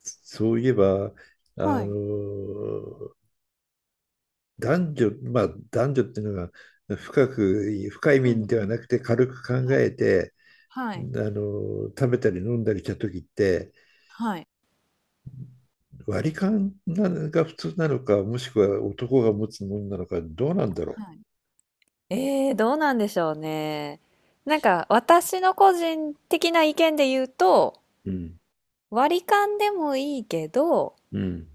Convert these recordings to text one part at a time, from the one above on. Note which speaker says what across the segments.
Speaker 1: そういえば、あ
Speaker 2: はい。
Speaker 1: の、男女、まあ男女っていうのが深く、深い意
Speaker 2: うん
Speaker 1: 味
Speaker 2: う
Speaker 1: ではな
Speaker 2: ん。
Speaker 1: くて軽く考
Speaker 2: はい。
Speaker 1: えて、
Speaker 2: は
Speaker 1: あ
Speaker 2: い。
Speaker 1: 食べたり飲んだりした時って、
Speaker 2: はい。
Speaker 1: 割り勘なのが普通なのか、もしくは男が持つものなのか、どうなんだろ
Speaker 2: はい。どうなんでしょうね。なんか私の個人的な意見で言うと
Speaker 1: う。うん、
Speaker 2: 割り勘でもいいけど、
Speaker 1: うん。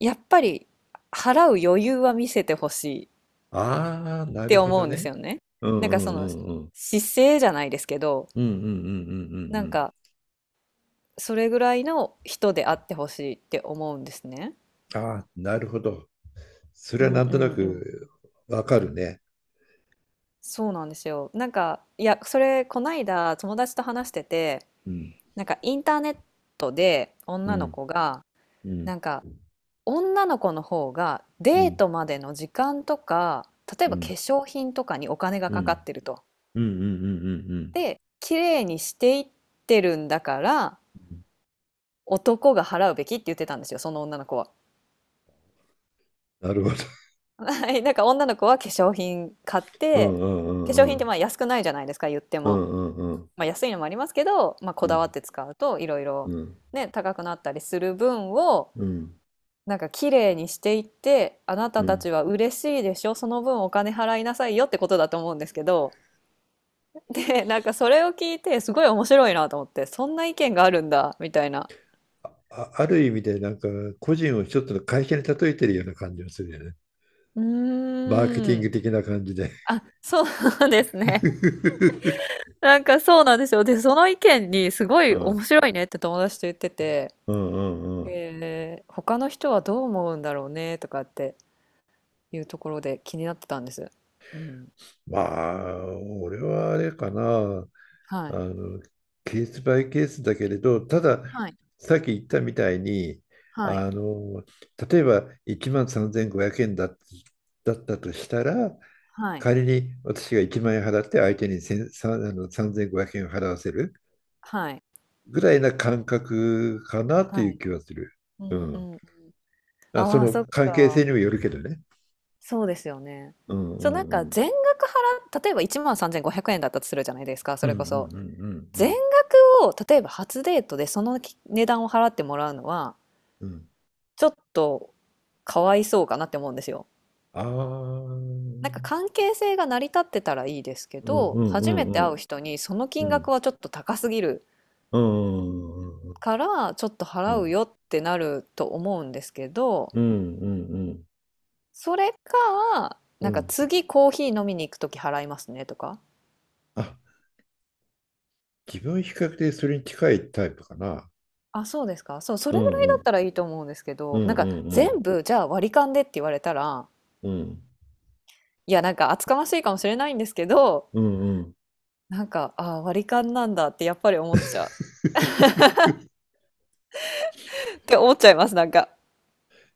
Speaker 2: やっぱり払う余裕は見せてほしいっ
Speaker 1: ああ、なる
Speaker 2: て
Speaker 1: ほ
Speaker 2: 思
Speaker 1: ど
Speaker 2: うんです
Speaker 1: ね。
Speaker 2: よね。
Speaker 1: うん
Speaker 2: なん
Speaker 1: う
Speaker 2: かその
Speaker 1: んうんうん。
Speaker 2: 姿勢じゃないですけど、
Speaker 1: うんうんうんうんう
Speaker 2: なん
Speaker 1: ん
Speaker 2: かそれぐらいの人であってほしいって思うんですね。
Speaker 1: うん。ああ、なるほど。そ
Speaker 2: う
Speaker 1: れは
Speaker 2: ん
Speaker 1: なん
Speaker 2: う
Speaker 1: とな
Speaker 2: んうんうん。
Speaker 1: くわかるね。
Speaker 2: そうなんですよ。なんかいや、それこないだ友達と話してて、
Speaker 1: うん
Speaker 2: なんかインターネットで
Speaker 1: う
Speaker 2: 女の
Speaker 1: ん
Speaker 2: 子が、
Speaker 1: うん。
Speaker 2: なんか女の子の方が
Speaker 1: う
Speaker 2: デー
Speaker 1: ん、
Speaker 2: トまでの時間とか、例え
Speaker 1: う
Speaker 2: ば化
Speaker 1: ん、
Speaker 2: 粧品とかにお金が
Speaker 1: う
Speaker 2: かか
Speaker 1: ん、
Speaker 2: ってると。
Speaker 1: うん、うん、うん、うん、
Speaker 2: で、綺麗にしていってるんだから
Speaker 1: うん
Speaker 2: 男が払うべきって言ってたんですよ、その女の子は。
Speaker 1: なるほど。
Speaker 2: はい、なんか女の子は化粧品買っ
Speaker 1: う
Speaker 2: て、
Speaker 1: ん、う
Speaker 2: 化粧
Speaker 1: ん、う
Speaker 2: 品って
Speaker 1: ん、
Speaker 2: まあ安くないじゃないですか言って
Speaker 1: う
Speaker 2: も。
Speaker 1: ん、
Speaker 2: まあ、安いのもありますけど、まあ、こ
Speaker 1: う
Speaker 2: だわっ
Speaker 1: ん、
Speaker 2: て使うといろい
Speaker 1: う
Speaker 2: ろ
Speaker 1: ん、うん、
Speaker 2: ね、高くなったりする分を
Speaker 1: うん、
Speaker 2: なんか綺麗にしていって、あなた
Speaker 1: う
Speaker 2: た
Speaker 1: ん。
Speaker 2: ちは嬉しいでしょ、その分お金払いなさいよってことだと思うんですけど、で、なんかそれを聞いてすごい面白いなと思って、そんな意見があるんだみたいな。
Speaker 1: あ、ある意味でなんか個人を一つの会社に例えてるような感じがするよね。
Speaker 2: う
Speaker 1: マーケティン
Speaker 2: ー
Speaker 1: グ
Speaker 2: ん。
Speaker 1: 的な感じで。
Speaker 2: あ、そうですね。なんかそうなんですよ。で、その意見にすご
Speaker 1: う
Speaker 2: い
Speaker 1: ん、
Speaker 2: 面白いねって友達と言ってて、
Speaker 1: うん、うん、うん。
Speaker 2: 他の人はどう思うんだろうねとかっていうところで気になってたんです。うん。
Speaker 1: まあ、俺はあれかな。
Speaker 2: は
Speaker 1: あ
Speaker 2: い。
Speaker 1: の、ケースバイケースだけれど、ただ、
Speaker 2: はい。
Speaker 1: さっき言ったみたいに、
Speaker 2: はい。
Speaker 1: あの、例えば1万3500円だったとしたら、
Speaker 2: はい。
Speaker 1: 仮に私が1万円払って相手に1 0あの3500円を払わせる
Speaker 2: はい。
Speaker 1: ぐらいな感覚かなと
Speaker 2: は
Speaker 1: いう
Speaker 2: い。
Speaker 1: 気がする。
Speaker 2: う
Speaker 1: う
Speaker 2: んう
Speaker 1: ん。
Speaker 2: んうん。
Speaker 1: あ、そ
Speaker 2: ああ、そっ
Speaker 1: の関係性
Speaker 2: か。
Speaker 1: にもよるけどね。
Speaker 2: そうですよね。
Speaker 1: うんう
Speaker 2: そう、なん
Speaker 1: んう
Speaker 2: か
Speaker 1: ん。
Speaker 2: 全額払っ例えば13,500円だったとするじゃないですか、そ
Speaker 1: うんう
Speaker 2: れ
Speaker 1: んう
Speaker 2: こ
Speaker 1: んう
Speaker 2: そ。
Speaker 1: んう
Speaker 2: 全
Speaker 1: ん
Speaker 2: 額を、例えば初デートでそのき値段を払ってもらうのは、
Speaker 1: うんうんうん
Speaker 2: ちょっとかわいそうかなって思うんですよ。
Speaker 1: ああ
Speaker 2: なんか
Speaker 1: ー。
Speaker 2: 関係性が成り立ってたらいいですけ
Speaker 1: うんう
Speaker 2: ど、
Speaker 1: ん
Speaker 2: 初め
Speaker 1: う
Speaker 2: て会う
Speaker 1: ん。
Speaker 2: 人にその
Speaker 1: う
Speaker 2: 金額
Speaker 1: ん。
Speaker 2: はちょっと高すぎる
Speaker 1: うんうんうんうん
Speaker 2: から、ちょっと
Speaker 1: う
Speaker 2: 払う
Speaker 1: ん。
Speaker 2: よってなると思うんですけど、
Speaker 1: うん、うん、
Speaker 2: それか、
Speaker 1: う
Speaker 2: な
Speaker 1: ん、
Speaker 2: ん
Speaker 1: う
Speaker 2: か
Speaker 1: ん。
Speaker 2: 次コーヒー飲みに行くとき払いますねとか。
Speaker 1: あ、自分は比較的それに近いタイプかな。
Speaker 2: あ、そうですか。そう、そ
Speaker 1: う
Speaker 2: れぐら
Speaker 1: ん、
Speaker 2: いだ
Speaker 1: う
Speaker 2: っ
Speaker 1: ん、
Speaker 2: たらいいと思うんですけ
Speaker 1: うん、
Speaker 2: ど、なんか
Speaker 1: う
Speaker 2: 全
Speaker 1: ん、
Speaker 2: 部じゃあ割り勘でって言われたら、
Speaker 1: うん、
Speaker 2: いや、なんか厚かましいかもしれないんですけど、
Speaker 1: うん、うん。
Speaker 2: なんか、ああ割り勘なんだってやっぱり思っちゃう。って思っちゃいます、なんか。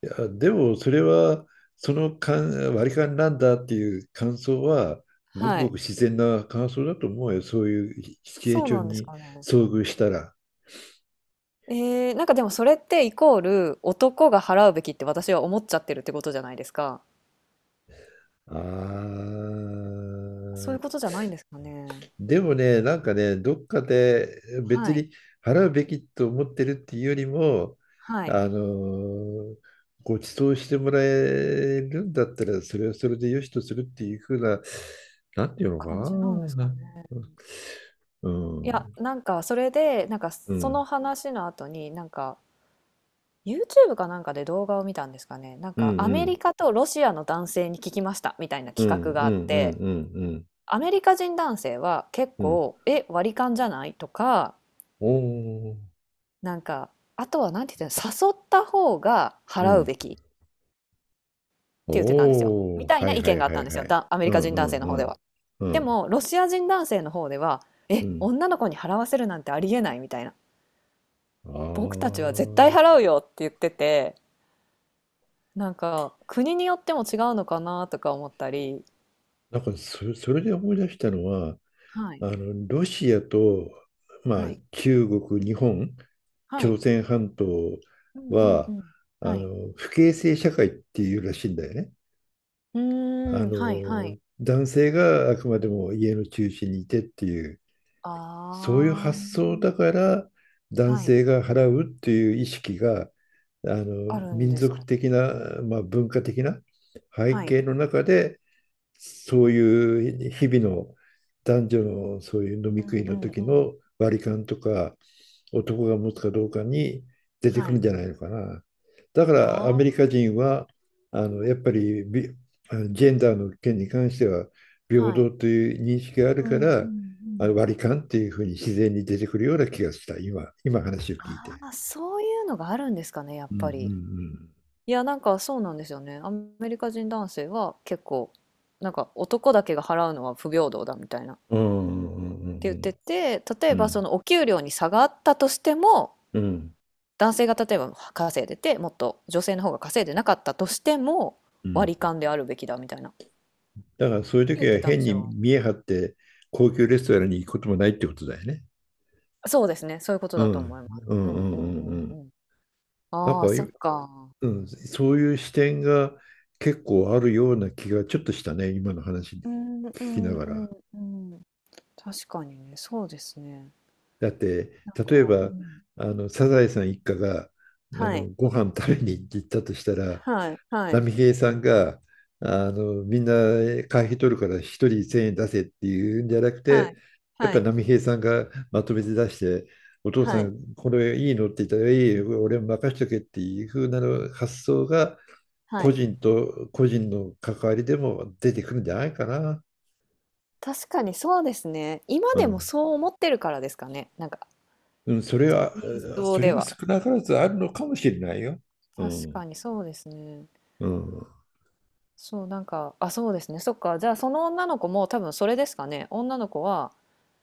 Speaker 1: いや、でもそれは、その感割り勘なんだっていう感想は、ごく
Speaker 2: は
Speaker 1: ご
Speaker 2: い。
Speaker 1: く自然な感想だと思うよ。そういうシチュエー
Speaker 2: そう
Speaker 1: ショ
Speaker 2: なん
Speaker 1: ン
Speaker 2: です
Speaker 1: に
Speaker 2: かね。
Speaker 1: 遭遇したら。
Speaker 2: なんかでもそれってイコール男が払うべきって私は思っちゃってるってことじゃないですか。
Speaker 1: あ
Speaker 2: そういうこ
Speaker 1: あ。
Speaker 2: とじゃないんですかね。
Speaker 1: でもね、なんかね、どっかで別
Speaker 2: はい。
Speaker 1: に払うべきと思ってるっていうよりも、
Speaker 2: はい。
Speaker 1: あのご馳走してもらえるんだったら、それはそれでよしとするっていうふうな、なんていうの
Speaker 2: 感じなんです
Speaker 1: か
Speaker 2: かね。
Speaker 1: な。う
Speaker 2: いや、
Speaker 1: ん、
Speaker 2: なんかそれで、なんか
Speaker 1: う
Speaker 2: その
Speaker 1: ん、
Speaker 2: 話の後に、なんか YouTube かなんかで動画を見たんですかね。なん
Speaker 1: う
Speaker 2: か
Speaker 1: ん、
Speaker 2: ア
Speaker 1: う
Speaker 2: メリ
Speaker 1: ん、
Speaker 2: カとロシアの男性に聞きましたみたいな
Speaker 1: う
Speaker 2: 企
Speaker 1: ん、
Speaker 2: 画が
Speaker 1: う
Speaker 2: あっ
Speaker 1: ん、うん、
Speaker 2: て、
Speaker 1: うん、
Speaker 2: アメリカ人男性は結
Speaker 1: うん、
Speaker 2: 構、え、割り勘じゃないとか、
Speaker 1: おー、
Speaker 2: なんか、あとはなんて言ってたの、誘った方が
Speaker 1: う
Speaker 2: 払う
Speaker 1: ん、
Speaker 2: べきって言ってたんですよ。み
Speaker 1: おー、
Speaker 2: たい
Speaker 1: は
Speaker 2: な
Speaker 1: い
Speaker 2: 意
Speaker 1: は
Speaker 2: 見
Speaker 1: い
Speaker 2: があ
Speaker 1: は
Speaker 2: ったん
Speaker 1: い
Speaker 2: です
Speaker 1: は
Speaker 2: よ。
Speaker 1: い。
Speaker 2: だ、アメ
Speaker 1: う
Speaker 2: リカ
Speaker 1: ん、
Speaker 2: 人
Speaker 1: う
Speaker 2: 男性
Speaker 1: ん、
Speaker 2: の
Speaker 1: う
Speaker 2: 方で
Speaker 1: ん、
Speaker 2: は。
Speaker 1: う
Speaker 2: で
Speaker 1: ん、
Speaker 2: も、ロシア人男性の方では、
Speaker 1: う
Speaker 2: え、
Speaker 1: ん、
Speaker 2: 女の子に払わせるなんてありえないみたいな。
Speaker 1: あ
Speaker 2: 僕たちは絶対
Speaker 1: あ。
Speaker 2: 払うよって言ってて、なんか、国によっても違うのかなとか思ったり。
Speaker 1: なんかそれで思い出したのは、
Speaker 2: はい、
Speaker 1: あのロシアと、まあ、
Speaker 2: はい、
Speaker 1: 中国、日本、
Speaker 2: はい。
Speaker 1: 朝鮮半島
Speaker 2: うんうんう
Speaker 1: は
Speaker 2: ん。はい。
Speaker 1: 不形成社会っていうらしいんだよね。
Speaker 2: う
Speaker 1: あ
Speaker 2: ーん、
Speaker 1: の
Speaker 2: はいはい。
Speaker 1: 男性があくまでも家の中心にいてっていう、そういう
Speaker 2: あ
Speaker 1: 発想だ
Speaker 2: あ。
Speaker 1: から男
Speaker 2: はい。
Speaker 1: 性が払うっていう意識があ
Speaker 2: あ
Speaker 1: の
Speaker 2: るん
Speaker 1: 民
Speaker 2: ですか
Speaker 1: 族
Speaker 2: ね。
Speaker 1: 的な、まあ、文化的な背
Speaker 2: はい。
Speaker 1: 景の中でそういう日々の男女のそういう飲み
Speaker 2: う
Speaker 1: 食
Speaker 2: ん
Speaker 1: い
Speaker 2: う
Speaker 1: の
Speaker 2: ん
Speaker 1: 時
Speaker 2: う
Speaker 1: の
Speaker 2: ん。
Speaker 1: 割り勘とか男が持つかどうかに出て
Speaker 2: は
Speaker 1: くるん
Speaker 2: い。
Speaker 1: じゃないのかな。だからアメ
Speaker 2: あ
Speaker 1: リカ人はあのやっぱりビジェンダーの件に関しては
Speaker 2: あ。
Speaker 1: 平
Speaker 2: はい。
Speaker 1: 等という認識がある
Speaker 2: う
Speaker 1: か
Speaker 2: んうんう
Speaker 1: ら
Speaker 2: ん。
Speaker 1: 割り勘っていうふうに自然に出てくるような気がした今話を聞いて。
Speaker 2: ああ、そういうのがあるんですかね、やっ
Speaker 1: うんう
Speaker 2: ぱり。
Speaker 1: ん
Speaker 2: いや、なんかそうなんですよね。アメリカ人男性は結構、なんか男だけが払うのは不平等だみたいな
Speaker 1: うん。うんうん
Speaker 2: て言
Speaker 1: う
Speaker 2: って
Speaker 1: ん
Speaker 2: て、例
Speaker 1: うん
Speaker 2: え
Speaker 1: う
Speaker 2: ばそ
Speaker 1: ん
Speaker 2: のお給料に差があったとしても、
Speaker 1: うん
Speaker 2: 男性が例えば稼いでて、もっと女性の方が稼いでなかったとしても、
Speaker 1: うん。
Speaker 2: 割り勘であるべきだみたいな。って
Speaker 1: だからそういう時
Speaker 2: 言っ
Speaker 1: は
Speaker 2: てたんで
Speaker 1: 変
Speaker 2: す
Speaker 1: に
Speaker 2: よ。
Speaker 1: 見え張って高級レストランに行くこともないってことだよね。
Speaker 2: そうですね、そういうこと
Speaker 1: う
Speaker 2: だと
Speaker 1: ん。
Speaker 2: 思います。
Speaker 1: うん
Speaker 2: う
Speaker 1: うんう
Speaker 2: んうんう
Speaker 1: んう
Speaker 2: ん
Speaker 1: ん。
Speaker 2: うん。
Speaker 1: なん
Speaker 2: ああ、
Speaker 1: かい、
Speaker 2: そっ
Speaker 1: う
Speaker 2: か。
Speaker 1: ん、そういう視点が結構あるような気がちょっとしたね、今の話
Speaker 2: うんう
Speaker 1: 聞きな
Speaker 2: ん
Speaker 1: が
Speaker 2: うん
Speaker 1: ら。
Speaker 2: うん。確かにね、そうですね。
Speaker 1: だって、
Speaker 2: なん
Speaker 1: 例え
Speaker 2: か、う
Speaker 1: ば、
Speaker 2: ん。
Speaker 1: サザエさん一家が、
Speaker 2: はい。
Speaker 1: ご飯食べに行ったとしたら、
Speaker 2: はいはい
Speaker 1: 波平さんがあのみんな会費取るから一人1000円出せっていうんじゃなく
Speaker 2: は
Speaker 1: て、
Speaker 2: い
Speaker 1: やっ
Speaker 2: は
Speaker 1: ぱり
Speaker 2: い
Speaker 1: 波平さんがまとめて出して、お父さ
Speaker 2: はい
Speaker 1: んこれいいのって言ったら、いいよ俺も任しとけっていう風なの発想が
Speaker 2: は
Speaker 1: 個
Speaker 2: い。
Speaker 1: 人と個人の関わりでも出てくるんじゃないかな。
Speaker 2: 確かにそうですね。今
Speaker 1: う
Speaker 2: でも
Speaker 1: ん
Speaker 2: そう思ってるからですかね。なんか
Speaker 1: うんそれは、
Speaker 2: インス
Speaker 1: それ
Speaker 2: で
Speaker 1: が
Speaker 2: は。
Speaker 1: 少なからずあるのかもしれないよ。う
Speaker 2: 確
Speaker 1: ん、
Speaker 2: かにそうですね。
Speaker 1: うん、
Speaker 2: そう、なんか、あ、そうですね。そっか。じゃあ、その女の子も多分それですかね。女の子は、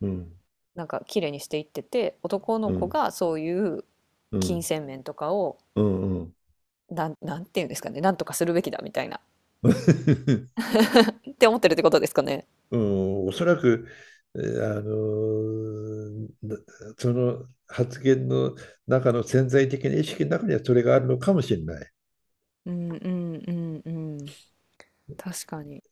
Speaker 1: うん、
Speaker 2: なんか、綺麗にしていってて、男の
Speaker 1: う
Speaker 2: 子
Speaker 1: ん、
Speaker 2: がそういう
Speaker 1: う
Speaker 2: 金
Speaker 1: ん、
Speaker 2: 銭面とかを、
Speaker 1: うん、うん。
Speaker 2: なん、なんていうんですかね。なんとかするべきだみたいな。って思ってるってことですかね。
Speaker 1: うん、おそらく、えーあのーなその発言の中の潜在的な意識の中にはそれがあるのかもしれない。
Speaker 2: うんうんうんうん。確かに。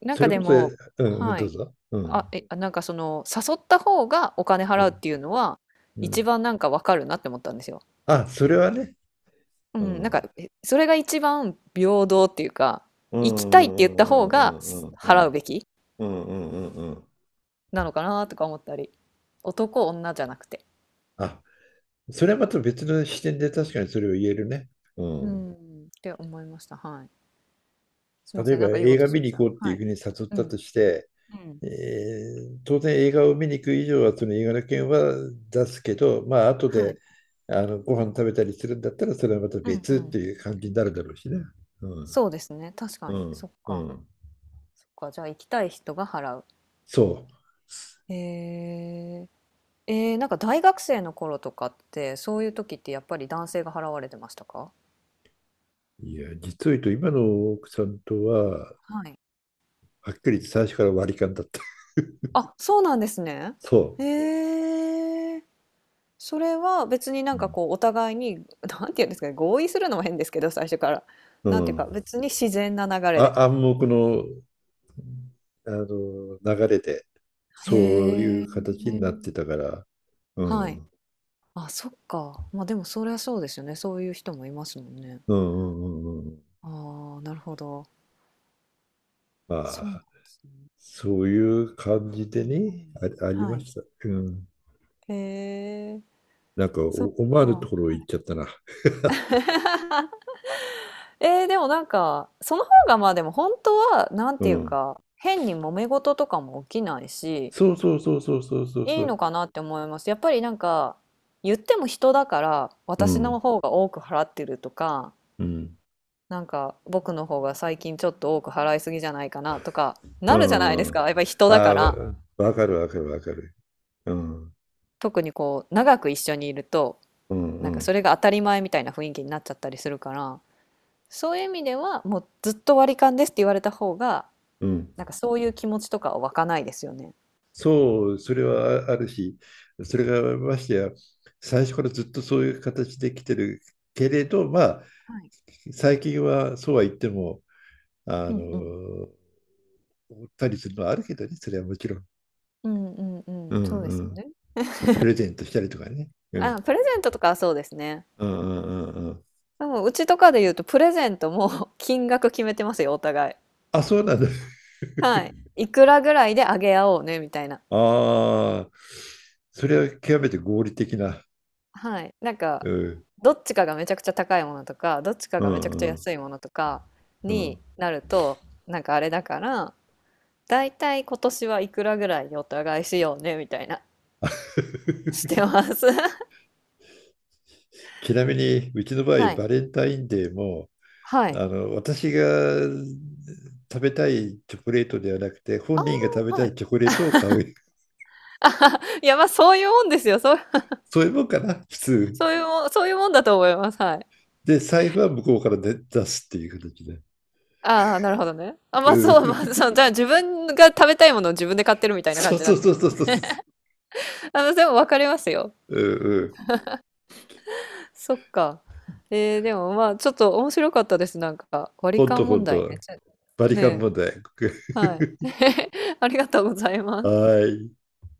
Speaker 2: なん
Speaker 1: そ
Speaker 2: か
Speaker 1: れ
Speaker 2: で
Speaker 1: こそ、え
Speaker 2: も、
Speaker 1: うん、うん
Speaker 2: は
Speaker 1: どう
Speaker 2: い。
Speaker 1: ぞ。う
Speaker 2: あ、
Speaker 1: ん、
Speaker 2: え、あなんかその、誘った方がお金
Speaker 1: う
Speaker 2: 払うっ
Speaker 1: ん、
Speaker 2: ていうのは、
Speaker 1: う
Speaker 2: 一
Speaker 1: ん。
Speaker 2: 番なんかわかるなって思ったんですよ。
Speaker 1: あ、それはね。
Speaker 2: う
Speaker 1: う
Speaker 2: ん、なん
Speaker 1: ん、う
Speaker 2: か、
Speaker 1: ん、
Speaker 2: え、それが一番平等っていうか、
Speaker 1: う
Speaker 2: 行きたいって言った方
Speaker 1: ん、う
Speaker 2: が
Speaker 1: ん、うん、う
Speaker 2: す
Speaker 1: ん、う
Speaker 2: 払
Speaker 1: ん、
Speaker 2: うべき
Speaker 1: うん、うん。うん
Speaker 2: なのかなとか思ったり、男女じゃなくて。
Speaker 1: あ、それはまた別の視点で確かにそれを言えるね。う
Speaker 2: う
Speaker 1: ん。
Speaker 2: ん、って思いました。はい。すいま
Speaker 1: 例え
Speaker 2: せん、
Speaker 1: ば
Speaker 2: なんか言お
Speaker 1: 映
Speaker 2: うと
Speaker 1: 画
Speaker 2: し
Speaker 1: 見
Speaker 2: まし
Speaker 1: に
Speaker 2: た。
Speaker 1: 行こうってい
Speaker 2: は
Speaker 1: うふ
Speaker 2: い。
Speaker 1: うに誘っ
Speaker 2: う
Speaker 1: た
Speaker 2: ん、
Speaker 1: として、
Speaker 2: うん、
Speaker 1: えー当然映画を見に行く以上はその映画の件は出すけど、まあ後
Speaker 2: は
Speaker 1: で
Speaker 2: い。
Speaker 1: ご飯食べたりするんだったらそれはまた
Speaker 2: うん
Speaker 1: 別
Speaker 2: う
Speaker 1: っ
Speaker 2: ん。
Speaker 1: ていう感じになるだろうしね。うん
Speaker 2: そうですね、確か
Speaker 1: う
Speaker 2: に。
Speaker 1: ん
Speaker 2: そっ
Speaker 1: う
Speaker 2: か。
Speaker 1: ん
Speaker 2: そっか、じゃあ行きたい人が払う。
Speaker 1: そう。
Speaker 2: へえー。なんか大学生の頃とかって、そういう時ってやっぱり男性が払われてましたか。
Speaker 1: いや実を言うと今の奥さんとは
Speaker 2: はい。
Speaker 1: はっきり言って最初から割り勘だった。
Speaker 2: あ、そうなんですね。
Speaker 1: そ
Speaker 2: へえ。それは別にな
Speaker 1: う。う
Speaker 2: んか
Speaker 1: ん。
Speaker 2: こうお互いに、なんて言うんですかね、合意するのも変ですけど、最初から。
Speaker 1: う
Speaker 2: なんていうか、
Speaker 1: ん
Speaker 2: 別に自然な流れで。
Speaker 1: あ、暗黙の、あの流れでそういう
Speaker 2: へ
Speaker 1: 形にな
Speaker 2: え。
Speaker 1: ってたから。うん。
Speaker 2: は
Speaker 1: う
Speaker 2: い。
Speaker 1: ん
Speaker 2: あ、そっか。まあでもそりゃそうですよね。そういう人もいますもんね。
Speaker 1: うんうんうん。
Speaker 2: ああ、なるほど。
Speaker 1: あ
Speaker 2: そうなん
Speaker 1: あ、
Speaker 2: ですね。
Speaker 1: そういう感じ
Speaker 2: う
Speaker 1: で
Speaker 2: んう
Speaker 1: ね、
Speaker 2: ん。
Speaker 1: あ、あり
Speaker 2: は
Speaker 1: ま
Speaker 2: い。
Speaker 1: した。うん。
Speaker 2: へえ、
Speaker 1: なんか
Speaker 2: そ
Speaker 1: お、
Speaker 2: っ
Speaker 1: 思わ
Speaker 2: か。
Speaker 1: ぬと
Speaker 2: は
Speaker 1: ころ行っ
Speaker 2: い。
Speaker 1: ちゃったな。
Speaker 2: でもなんか、その方がまあでも本当は、なん
Speaker 1: う
Speaker 2: ていう
Speaker 1: ん。
Speaker 2: か、変に揉め事とかも起きないし、
Speaker 1: そうそうそうそうそうそう
Speaker 2: い
Speaker 1: そ
Speaker 2: い
Speaker 1: う。
Speaker 2: のかなって思います。やっぱりなんか、言っても人だから、
Speaker 1: う
Speaker 2: 私の
Speaker 1: ん。
Speaker 2: 方が多く払ってるとか、
Speaker 1: うん。
Speaker 2: なんか、僕の方が最近ちょっと多く払いすぎじゃないかなとか、
Speaker 1: う
Speaker 2: なるじゃないです
Speaker 1: ん。
Speaker 2: か。やっぱり人
Speaker 1: あ
Speaker 2: だ
Speaker 1: あ、
Speaker 2: から、
Speaker 1: わかるわかるわかる。うん。
Speaker 2: 特にこう、長く一緒にいると、
Speaker 1: うんう
Speaker 2: なんかそ
Speaker 1: ん
Speaker 2: れが当たり前みたいな雰囲気になっちゃったりするから、そういう意味では、もうずっと割り勘ですって言われた方が、
Speaker 1: うん。
Speaker 2: なんかそういう気持ちとかは湧かないですよね。
Speaker 1: そう、それはああるし、それがましてや、最初からずっとそういう形で来てるけれど、まあ、
Speaker 2: はい。
Speaker 1: 最近はそうは言っても、あ
Speaker 2: うんうん。
Speaker 1: の、おったりするのはあるけどね、それはもちろん。
Speaker 2: うんうんう
Speaker 1: う
Speaker 2: ん、
Speaker 1: ん
Speaker 2: そうで
Speaker 1: う
Speaker 2: すよ
Speaker 1: ん。
Speaker 2: ね。
Speaker 1: プレゼン トしたりとかね。う
Speaker 2: あ、
Speaker 1: ん。
Speaker 2: プレゼントとかはそうですね。
Speaker 1: うんうんうんうん。
Speaker 2: でもうちとかで言うとプレゼントも 金額決めてますよ、お互い。
Speaker 1: あ、そうなんだ。
Speaker 2: はい。いくらぐらいであげ合おうねみたいな。
Speaker 1: ああ、それは極めて合理的な。
Speaker 2: はい。なんか、
Speaker 1: うん。
Speaker 2: どっちかがめちゃくちゃ高いものとか、どっちか
Speaker 1: う
Speaker 2: がめちゃくちゃ
Speaker 1: んうん
Speaker 2: 安いものとか
Speaker 1: うん。
Speaker 2: になると、なんかあれだから、だいたい今年はいくらぐらいお互いしようねみたいな して ます。
Speaker 1: ちなみに、うちの場合、
Speaker 2: はい。
Speaker 1: バレンタインデーも、
Speaker 2: はい。
Speaker 1: あの、私が食べたいチョコレートではなくて、本
Speaker 2: あ
Speaker 1: 人が食べ
Speaker 2: あ、
Speaker 1: た
Speaker 2: は
Speaker 1: い
Speaker 2: い。
Speaker 1: チョコレートを買う。
Speaker 2: いや、まあ、そういうもんですよ。そう、
Speaker 1: そういうもんかな、普通。
Speaker 2: そういうもん、そういうもんだと思います。はい。
Speaker 1: で、財布は向こうから出すっていう形で。
Speaker 2: ああ、なるほどね。あ、まあ、
Speaker 1: う
Speaker 2: そう、
Speaker 1: ん。
Speaker 2: まあ、そう、じゃあ自分が食べたいものを自分で買ってるみたいな感
Speaker 1: そう
Speaker 2: じに
Speaker 1: そ
Speaker 2: な
Speaker 1: う
Speaker 2: って
Speaker 1: そう
Speaker 2: る。
Speaker 1: そうそう。
Speaker 2: あの、でも分かりますよ。
Speaker 1: うんうん。
Speaker 2: そっか。でもまあ、ちょっと面白かったです。なんか、割
Speaker 1: ほ
Speaker 2: り
Speaker 1: んと
Speaker 2: 勘
Speaker 1: ほ
Speaker 2: 問
Speaker 1: ん
Speaker 2: 題
Speaker 1: と。
Speaker 2: ね。ちょ
Speaker 1: バリカン
Speaker 2: ね
Speaker 1: 問
Speaker 2: え。
Speaker 1: 題。
Speaker 2: はい。ありがとうございます。
Speaker 1: はい。